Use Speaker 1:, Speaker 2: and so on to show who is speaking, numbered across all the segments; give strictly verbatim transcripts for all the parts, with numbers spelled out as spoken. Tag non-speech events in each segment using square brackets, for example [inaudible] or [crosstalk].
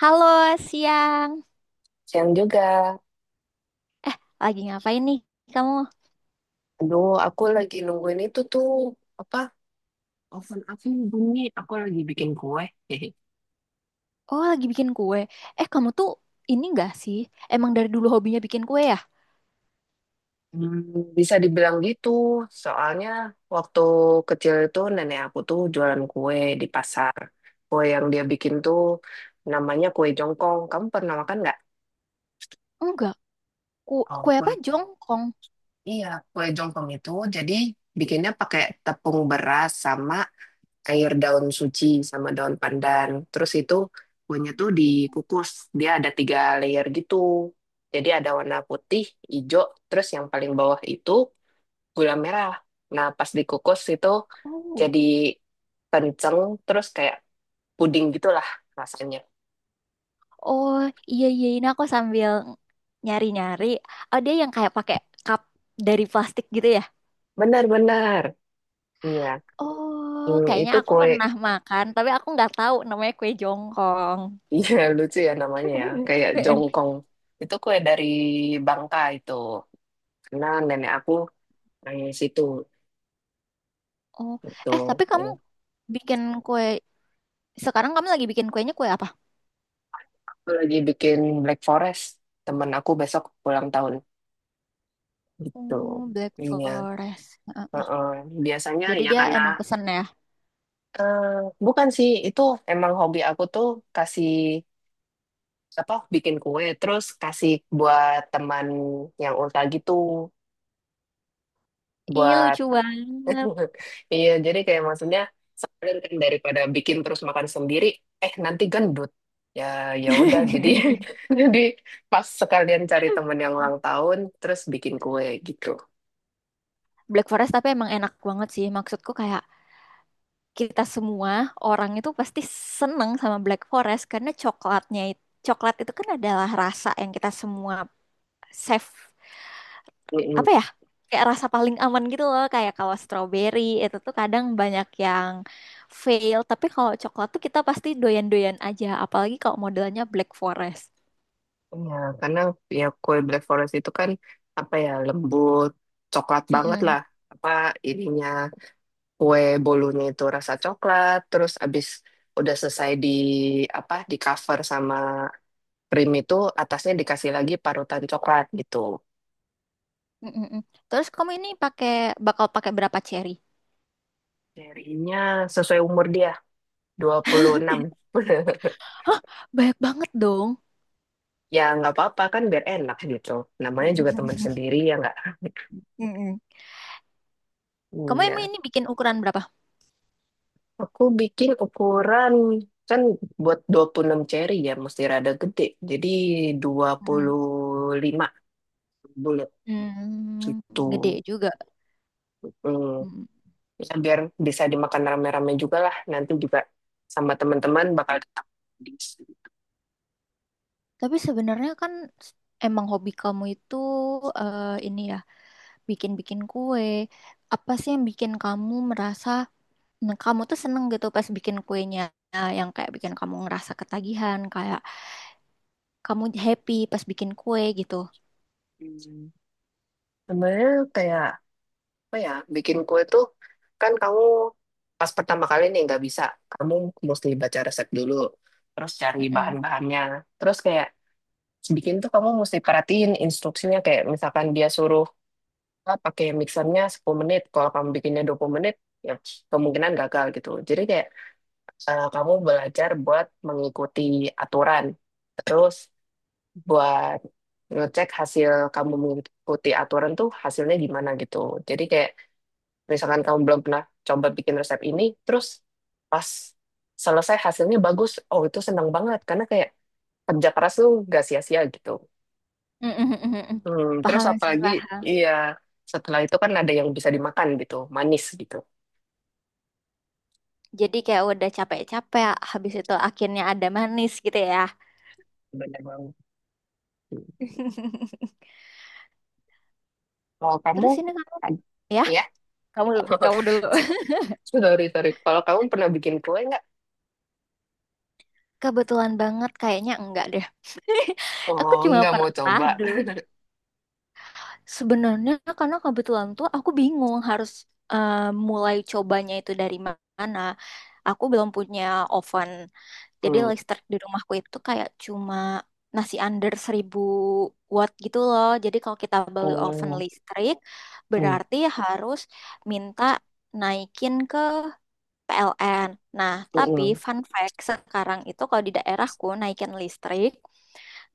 Speaker 1: Halo, siang.
Speaker 2: Siang juga.
Speaker 1: Lagi ngapain nih kamu?
Speaker 2: Aduh, aku lagi nungguin itu tuh apa? Oven aku bunyi. Aku lagi bikin kue. [laughs]
Speaker 1: Oh, lagi bikin kue. Eh, kamu tuh ini enggak sih? Emang dari dulu hobinya bikin kue ya?
Speaker 2: Hmm, bisa dibilang gitu. Soalnya waktu kecil itu nenek aku tuh jualan kue di pasar. Kue yang dia bikin tuh namanya kue jongkong. Kamu pernah makan nggak?
Speaker 1: Enggak. Ku
Speaker 2: Oh,
Speaker 1: kue apa?
Speaker 2: kue.
Speaker 1: Jongkong.
Speaker 2: Iya, kue jongkong itu jadi bikinnya pakai tepung beras sama air daun suci sama daun pandan. Terus itu kuahnya tuh dikukus. Dia ada tiga layer gitu. Jadi ada warna putih, hijau, terus yang paling bawah itu gula merah. Nah, pas dikukus itu
Speaker 1: Oh.
Speaker 2: jadi kenceng, terus kayak puding gitulah rasanya.
Speaker 1: Oh, iya iya ini aku sambil nyari-nyari. Oh, dia yang kayak pakai cup dari plastik gitu ya?
Speaker 2: Benar-benar. Iya.
Speaker 1: Oh,
Speaker 2: Hmm,
Speaker 1: kayaknya
Speaker 2: itu
Speaker 1: aku
Speaker 2: kue. [laughs]
Speaker 1: pernah makan, tapi aku nggak tahu namanya kue jongkong.
Speaker 2: Iya, lucu ya namanya ya.
Speaker 1: [laughs]
Speaker 2: Kayak jongkong. Itu kue dari Bangka itu. Karena nenek aku dari situ.
Speaker 1: Oh,
Speaker 2: Itu.
Speaker 1: eh tapi kamu bikin kue sekarang kamu lagi bikin kuenya kue apa?
Speaker 2: Aku lagi bikin Black Forest. Temen aku besok ulang tahun gitu.
Speaker 1: Oh, Black
Speaker 2: Iya.
Speaker 1: Forest. Heeh.
Speaker 2: Heeh. Biasanya
Speaker 1: Jadi
Speaker 2: ya
Speaker 1: dia
Speaker 2: karena
Speaker 1: emang pesen ya.
Speaker 2: eh, bukan sih itu emang hobi aku tuh kasih apa bikin kue terus kasih buat teman yang ulta gitu
Speaker 1: Ih,
Speaker 2: buat
Speaker 1: lucu banget.
Speaker 2: [laughs] iya jadi kayak maksudnya sekalian kan daripada bikin terus makan sendiri eh nanti gendut ya ya udah jadi [laughs] jadi pas sekalian cari temen yang ulang
Speaker 1: [laughs]
Speaker 2: tahun terus bikin kue gitu.
Speaker 1: Black Forest tapi emang enak banget sih. Maksudku kayak kita semua orang itu pasti seneng sama Black Forest karena coklatnya itu coklat itu kan adalah rasa yang kita semua safe
Speaker 2: Mm-mm.
Speaker 1: apa ya? Kayak rasa paling aman gitu loh. Kayak kalau strawberry itu tuh kadang banyak yang fail, tapi kalau coklat tuh kita pasti doyan-doyan aja, apalagi kalau modelnya Black Forest.
Speaker 2: Ya, karena ya kue Black Forest itu kan apa ya lembut, coklat banget
Speaker 1: Mm-mm.
Speaker 2: lah. Apa ininya kue bolunya itu rasa coklat, terus abis udah selesai di apa di cover sama krim itu atasnya dikasih lagi parutan coklat gitu.
Speaker 1: Mm, mm, mm. Terus kamu ini pakai bakal pakai berapa cherry?
Speaker 2: Darinya sesuai umur dia dua puluh enam.
Speaker 1: [laughs]
Speaker 2: [laughs]
Speaker 1: Banyak banget dong.
Speaker 2: Ya nggak apa-apa kan biar enak gitu. Namanya juga teman
Speaker 1: [laughs]
Speaker 2: sendiri ya nggak.
Speaker 1: Mm-mm. Kamu emang
Speaker 2: Iya.
Speaker 1: ini bikin ukuran berapa?
Speaker 2: Aku bikin ukuran kan buat dua puluh enam ceri ya mesti rada gede. Jadi dua
Speaker 1: Hmm.
Speaker 2: puluh lima bulat
Speaker 1: Hmm,
Speaker 2: gitu.
Speaker 1: gede juga.
Speaker 2: Hmm.
Speaker 1: Mm.
Speaker 2: Ya, biar bisa dimakan rame-rame juga lah. Nanti juga sama teman-teman bakal tetap di sini.
Speaker 1: Tapi sebenarnya kan s- emang hobi kamu itu eh, ini ya, bikin-bikin kue. Apa sih yang bikin kamu merasa mm, kamu tuh seneng gitu pas bikin kuenya. Nah, yang kayak bikin kamu ngerasa ketagihan, kayak kamu happy pas bikin kue gitu.
Speaker 2: Hmm. Sebenarnya kayak apa ya bikin kue tuh kan kamu pas pertama kali nih nggak bisa. Kamu mesti baca resep dulu. Terus cari bahan-bahannya. Terus kayak bikin tuh kamu mesti perhatiin instruksinya kayak misalkan dia suruh ah, pakai mixernya sepuluh menit kalau kamu bikinnya dua puluh menit ya kemungkinan gagal gitu jadi kayak eh, kamu belajar buat mengikuti aturan terus buat ngecek hasil kamu mengikuti aturan tuh hasilnya gimana gitu jadi kayak misalkan kamu belum pernah coba bikin resep ini terus pas selesai hasilnya bagus oh itu seneng banget karena kayak kerja keras tuh gak sia-sia gitu.
Speaker 1: Mm-mm, mm-mm.
Speaker 2: Hmm, terus
Speaker 1: Paham sih,
Speaker 2: apalagi,
Speaker 1: paham.
Speaker 2: iya, setelah itu kan ada yang bisa dimakan gitu, manis gitu.
Speaker 1: Jadi kayak udah capek-capek, habis itu akhirnya ada manis gitu ya.
Speaker 2: Benar banget. Hmm.
Speaker 1: [laughs]
Speaker 2: Kalau kamu,
Speaker 1: Terus ini kamu,
Speaker 2: ad-
Speaker 1: ya,
Speaker 2: ya,
Speaker 1: kamu kamu
Speaker 2: [laughs]
Speaker 1: dulu. [laughs]
Speaker 2: sorry, sorry. Kalau kamu pernah bikin kue nggak?
Speaker 1: Kebetulan banget kayaknya enggak deh. [laughs] Aku
Speaker 2: Oh,
Speaker 1: cuma
Speaker 2: nggak mau
Speaker 1: pernah
Speaker 2: coba.
Speaker 1: dulu.
Speaker 2: [laughs]
Speaker 1: Sebenarnya karena kebetulan tuh aku bingung harus eh, mulai cobanya itu dari mana. Aku belum punya oven. Jadi
Speaker 2: Hmm.
Speaker 1: listrik di rumahku itu kayak cuma nasi under seribu watt gitu loh. Jadi kalau kita beli oven
Speaker 2: Oh,
Speaker 1: listrik,
Speaker 2: hmm.
Speaker 1: berarti harus minta naikin ke P L N. Nah, tapi
Speaker 2: mm.
Speaker 1: fun fact, sekarang itu kalau di daerahku naikin listrik,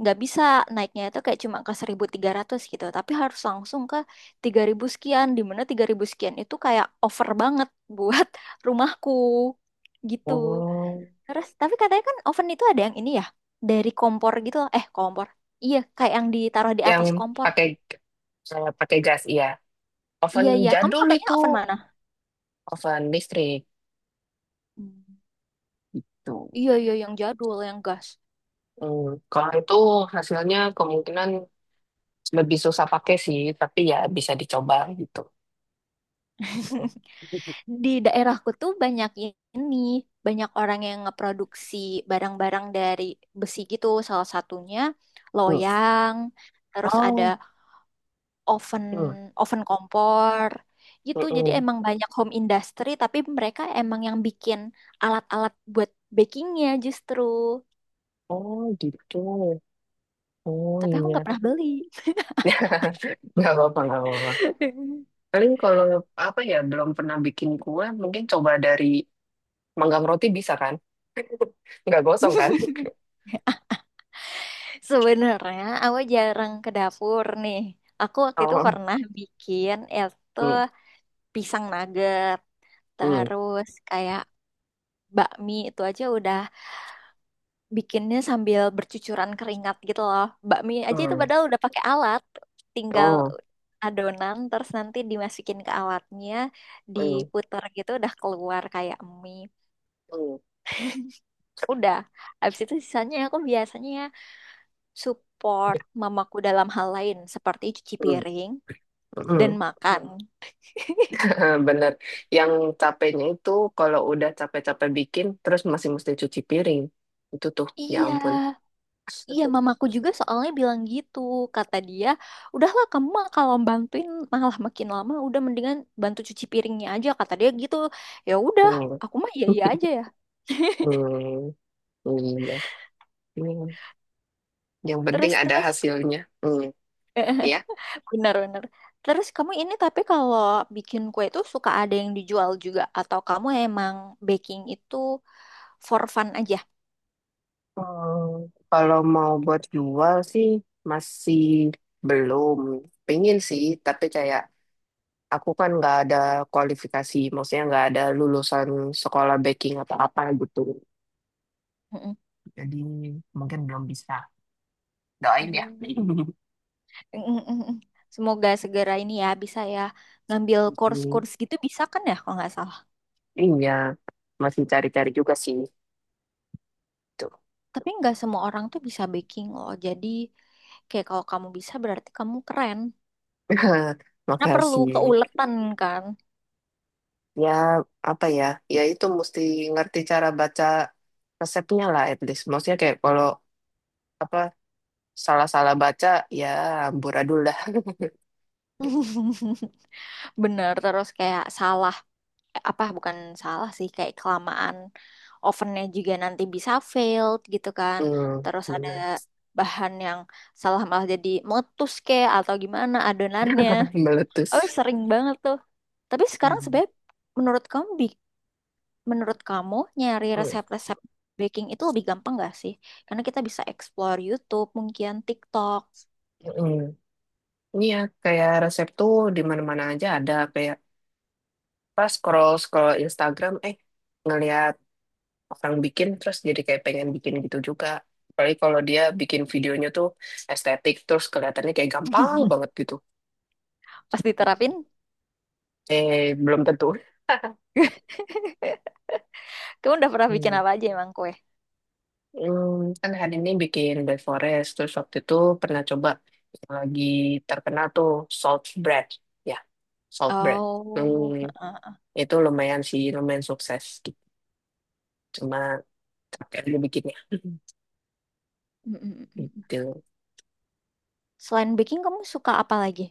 Speaker 1: nggak bisa naiknya itu kayak cuma ke seribu tiga ratus gitu. Tapi harus langsung ke tiga ribu sekian, di mana tiga ribu sekian itu kayak over banget buat [laughs] rumahku gitu.
Speaker 2: Oh,
Speaker 1: Terus, tapi katanya kan oven itu ada yang ini ya, dari kompor gitu loh. Eh, kompor. Iya, kayak yang ditaruh di
Speaker 2: yang
Speaker 1: atas kompor.
Speaker 2: pakai eh, pakai gas, iya. Oven
Speaker 1: Iya, iya. Kamu
Speaker 2: jadul
Speaker 1: pakainya
Speaker 2: itu,
Speaker 1: oven mana?
Speaker 2: oven listrik
Speaker 1: Hmm.
Speaker 2: gitu.
Speaker 1: Iya, iya, yang jadul, yang gas.
Speaker 2: Hmm. Kalau itu hasilnya kemungkinan lebih susah pakai sih, tapi ya bisa dicoba gitu. Hmm.
Speaker 1: [laughs] Di daerahku tuh banyak ini, banyak orang yang ngeproduksi barang-barang dari besi gitu. Salah satunya
Speaker 2: Hmm.
Speaker 1: loyang, terus ada
Speaker 2: Oh,
Speaker 1: oven
Speaker 2: hmm.
Speaker 1: oven kompor
Speaker 2: Hmm,
Speaker 1: gitu. Jadi
Speaker 2: mm.
Speaker 1: emang banyak home industry tapi mereka emang yang bikin alat-alat buat bakingnya justru.
Speaker 2: Oh gitu. Oh
Speaker 1: Tapi aku nggak
Speaker 2: iya.
Speaker 1: pernah beli.
Speaker 2: [laughs] Nggak apa-apa, gak apa-apa. Paling kalau apa ya belum pernah bikin kue, mungkin coba dari manggang roti bisa kan? Nggak gosong kan?
Speaker 1: [laughs]
Speaker 2: [laughs]
Speaker 1: Sebenarnya aku jarang ke dapur nih. Aku waktu itu
Speaker 2: Oh,
Speaker 1: pernah bikin itu
Speaker 2: hmm,
Speaker 1: pisang nugget,
Speaker 2: hmm,
Speaker 1: terus kayak bakmi itu aja udah bikinnya sambil bercucuran keringat gitu loh. Bakmi aja itu
Speaker 2: hmm.
Speaker 1: padahal udah pakai alat, tinggal
Speaker 2: Oh,
Speaker 1: adonan terus nanti dimasukin ke alatnya,
Speaker 2: hmm,
Speaker 1: diputer gitu udah keluar kayak mie.
Speaker 2: hmm,
Speaker 1: Udah. Habis itu sisanya aku biasanya support mamaku dalam hal lain seperti cuci
Speaker 2: hmm,
Speaker 1: piring dan
Speaker 2: hmm.
Speaker 1: makan.
Speaker 2: [laughs] Bener. Yang capeknya itu kalau udah capek-capek bikin, terus masih mesti cuci piring. Itu tuh, ya
Speaker 1: Iya,
Speaker 2: ampun.
Speaker 1: [laughs] Iya,
Speaker 2: [laughs]
Speaker 1: mamaku juga soalnya bilang gitu. Kata dia, udahlah kamu mah kalau bantuin malah makin lama, udah mendingan bantu cuci piringnya aja. Kata dia gitu. Ya udah,
Speaker 2: Hmm.
Speaker 1: aku mah iya iya aja ya. [laughs]
Speaker 2: Hmm. Iya. Hmm. Yang penting
Speaker 1: Terus
Speaker 2: ada
Speaker 1: terus,
Speaker 2: hasilnya. Hmm.
Speaker 1: [laughs]
Speaker 2: Ya.
Speaker 1: benar-benar. Terus kamu ini tapi kalau bikin kue itu suka ada yang dijual juga atau kamu emang baking itu for fun aja?
Speaker 2: Hmm, kalau mau buat jual sih masih belum. Pengen sih, tapi kayak aku kan nggak ada kualifikasi, maksudnya nggak ada lulusan sekolah baking atau apa gitu.
Speaker 1: Mm-mm.
Speaker 2: Jadi mungkin belum bisa. Doain ya.
Speaker 1: Oh.
Speaker 2: [laughs]
Speaker 1: Mm-mm-mm. Semoga segera ini ya bisa ya ngambil
Speaker 2: Hmm,
Speaker 1: course-course gitu bisa kan ya kalau nggak salah.
Speaker 2: iya, masih cari-cari juga sih. Tuh.
Speaker 1: Tapi nggak semua orang tuh bisa baking loh. Jadi kayak kalau kamu bisa berarti kamu keren.
Speaker 2: [laughs]
Speaker 1: Karena perlu
Speaker 2: Makasih.
Speaker 1: keuletan kan.
Speaker 2: Ya, apa ya? Ya itu mesti ngerti cara baca resepnya lah at least. Maksudnya kayak kalau apa salah-salah baca ya amburadul dah.
Speaker 1: [laughs] Bener, terus kayak salah, eh, apa bukan salah sih, kayak kelamaan ovennya juga nanti bisa failed gitu kan.
Speaker 2: Hmm,
Speaker 1: Terus ada
Speaker 2: bener.
Speaker 1: bahan yang salah malah jadi meletus kayak atau gimana adonannya.
Speaker 2: [laughs]
Speaker 1: Oh,
Speaker 2: Meletus.
Speaker 1: sering banget tuh. Tapi sekarang
Speaker 2: Hmm.
Speaker 1: sebenarnya menurut kamu bi- Menurut kamu, nyari
Speaker 2: Hmm.
Speaker 1: resep-resep baking itu lebih gampang gak sih? Karena kita bisa explore YouTube, mungkin TikTok.
Speaker 2: Hmm. Iya, kayak resep tuh di mana-mana aja ada kayak pas scroll scroll Instagram eh ngelihat orang bikin terus jadi kayak pengen bikin gitu juga. Apalagi kalau dia bikin videonya tuh estetik terus kelihatannya kayak gampang banget
Speaker 1: [laughs]
Speaker 2: gitu.
Speaker 1: Pas diterapin,
Speaker 2: Eh belum tentu.
Speaker 1: [laughs] kamu udah pernah bikin
Speaker 2: Hmm.
Speaker 1: apa aja emang kue?
Speaker 2: Hmm, kan hari ini bikin bread forest, terus waktu itu pernah coba yang lagi terkenal tuh salt bread, ya salt bread. Hmm,
Speaker 1: Oh, heeh.
Speaker 2: itu lumayan sih, lumayan sukses gitu. Cuma capek aja bikinnya. [laughs]
Speaker 1: Mm, mm, mm, mm.
Speaker 2: Gitu.
Speaker 1: Selain baking, kamu suka apa lagi?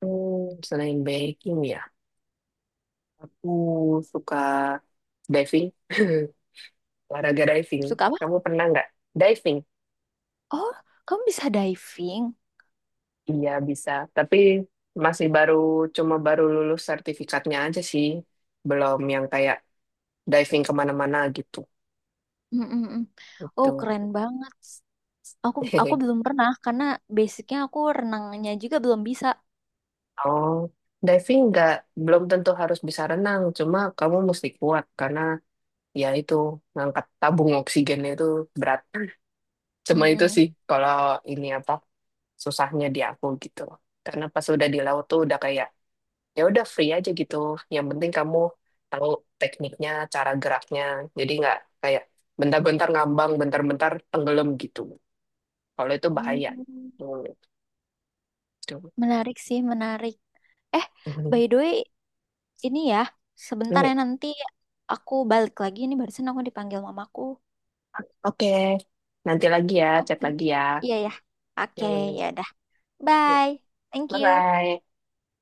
Speaker 2: Hmm, selain baking ya, aku suka diving, [laughs] olahraga diving.
Speaker 1: Suka apa?
Speaker 2: Kamu pernah nggak diving?
Speaker 1: Oh, kamu bisa diving.
Speaker 2: Iya bisa, tapi masih baru, cuma baru lulus sertifikatnya aja sih. Belum yang kayak diving kemana-mana gitu.
Speaker 1: Mm, mm, mm. Oh,
Speaker 2: Gitu.
Speaker 1: keren banget. Aku aku
Speaker 2: [laughs]
Speaker 1: belum pernah karena basicnya aku renangnya juga belum bisa.
Speaker 2: Oh, diving nggak belum tentu harus bisa renang, cuma kamu mesti kuat karena ya itu ngangkat tabung oksigen itu berat. Cuma
Speaker 1: Mm,
Speaker 2: itu
Speaker 1: mm.
Speaker 2: sih kalau ini apa susahnya di aku gitu. Karena pas udah di laut tuh udah kayak ya udah free aja gitu. Yang penting kamu tahu tekniknya, cara geraknya. Jadi nggak kayak bentar-bentar ngambang, bentar-bentar tenggelam gitu. Kalau itu
Speaker 1: Oh,
Speaker 2: bahaya. Hmm, gitu.
Speaker 1: menarik sih, menarik. Eh, by the way, ini ya, sebentar ya
Speaker 2: [laughs]
Speaker 1: nanti aku balik lagi. Ini barusan aku dipanggil mamaku.
Speaker 2: Oke, nanti lagi ya,
Speaker 1: Oh,
Speaker 2: chat lagi ya.
Speaker 1: iya ya. Oke,
Speaker 2: Ini, ya,
Speaker 1: ya udah.
Speaker 2: ya. Ya,
Speaker 1: Bye. Thank you.
Speaker 2: bye-bye.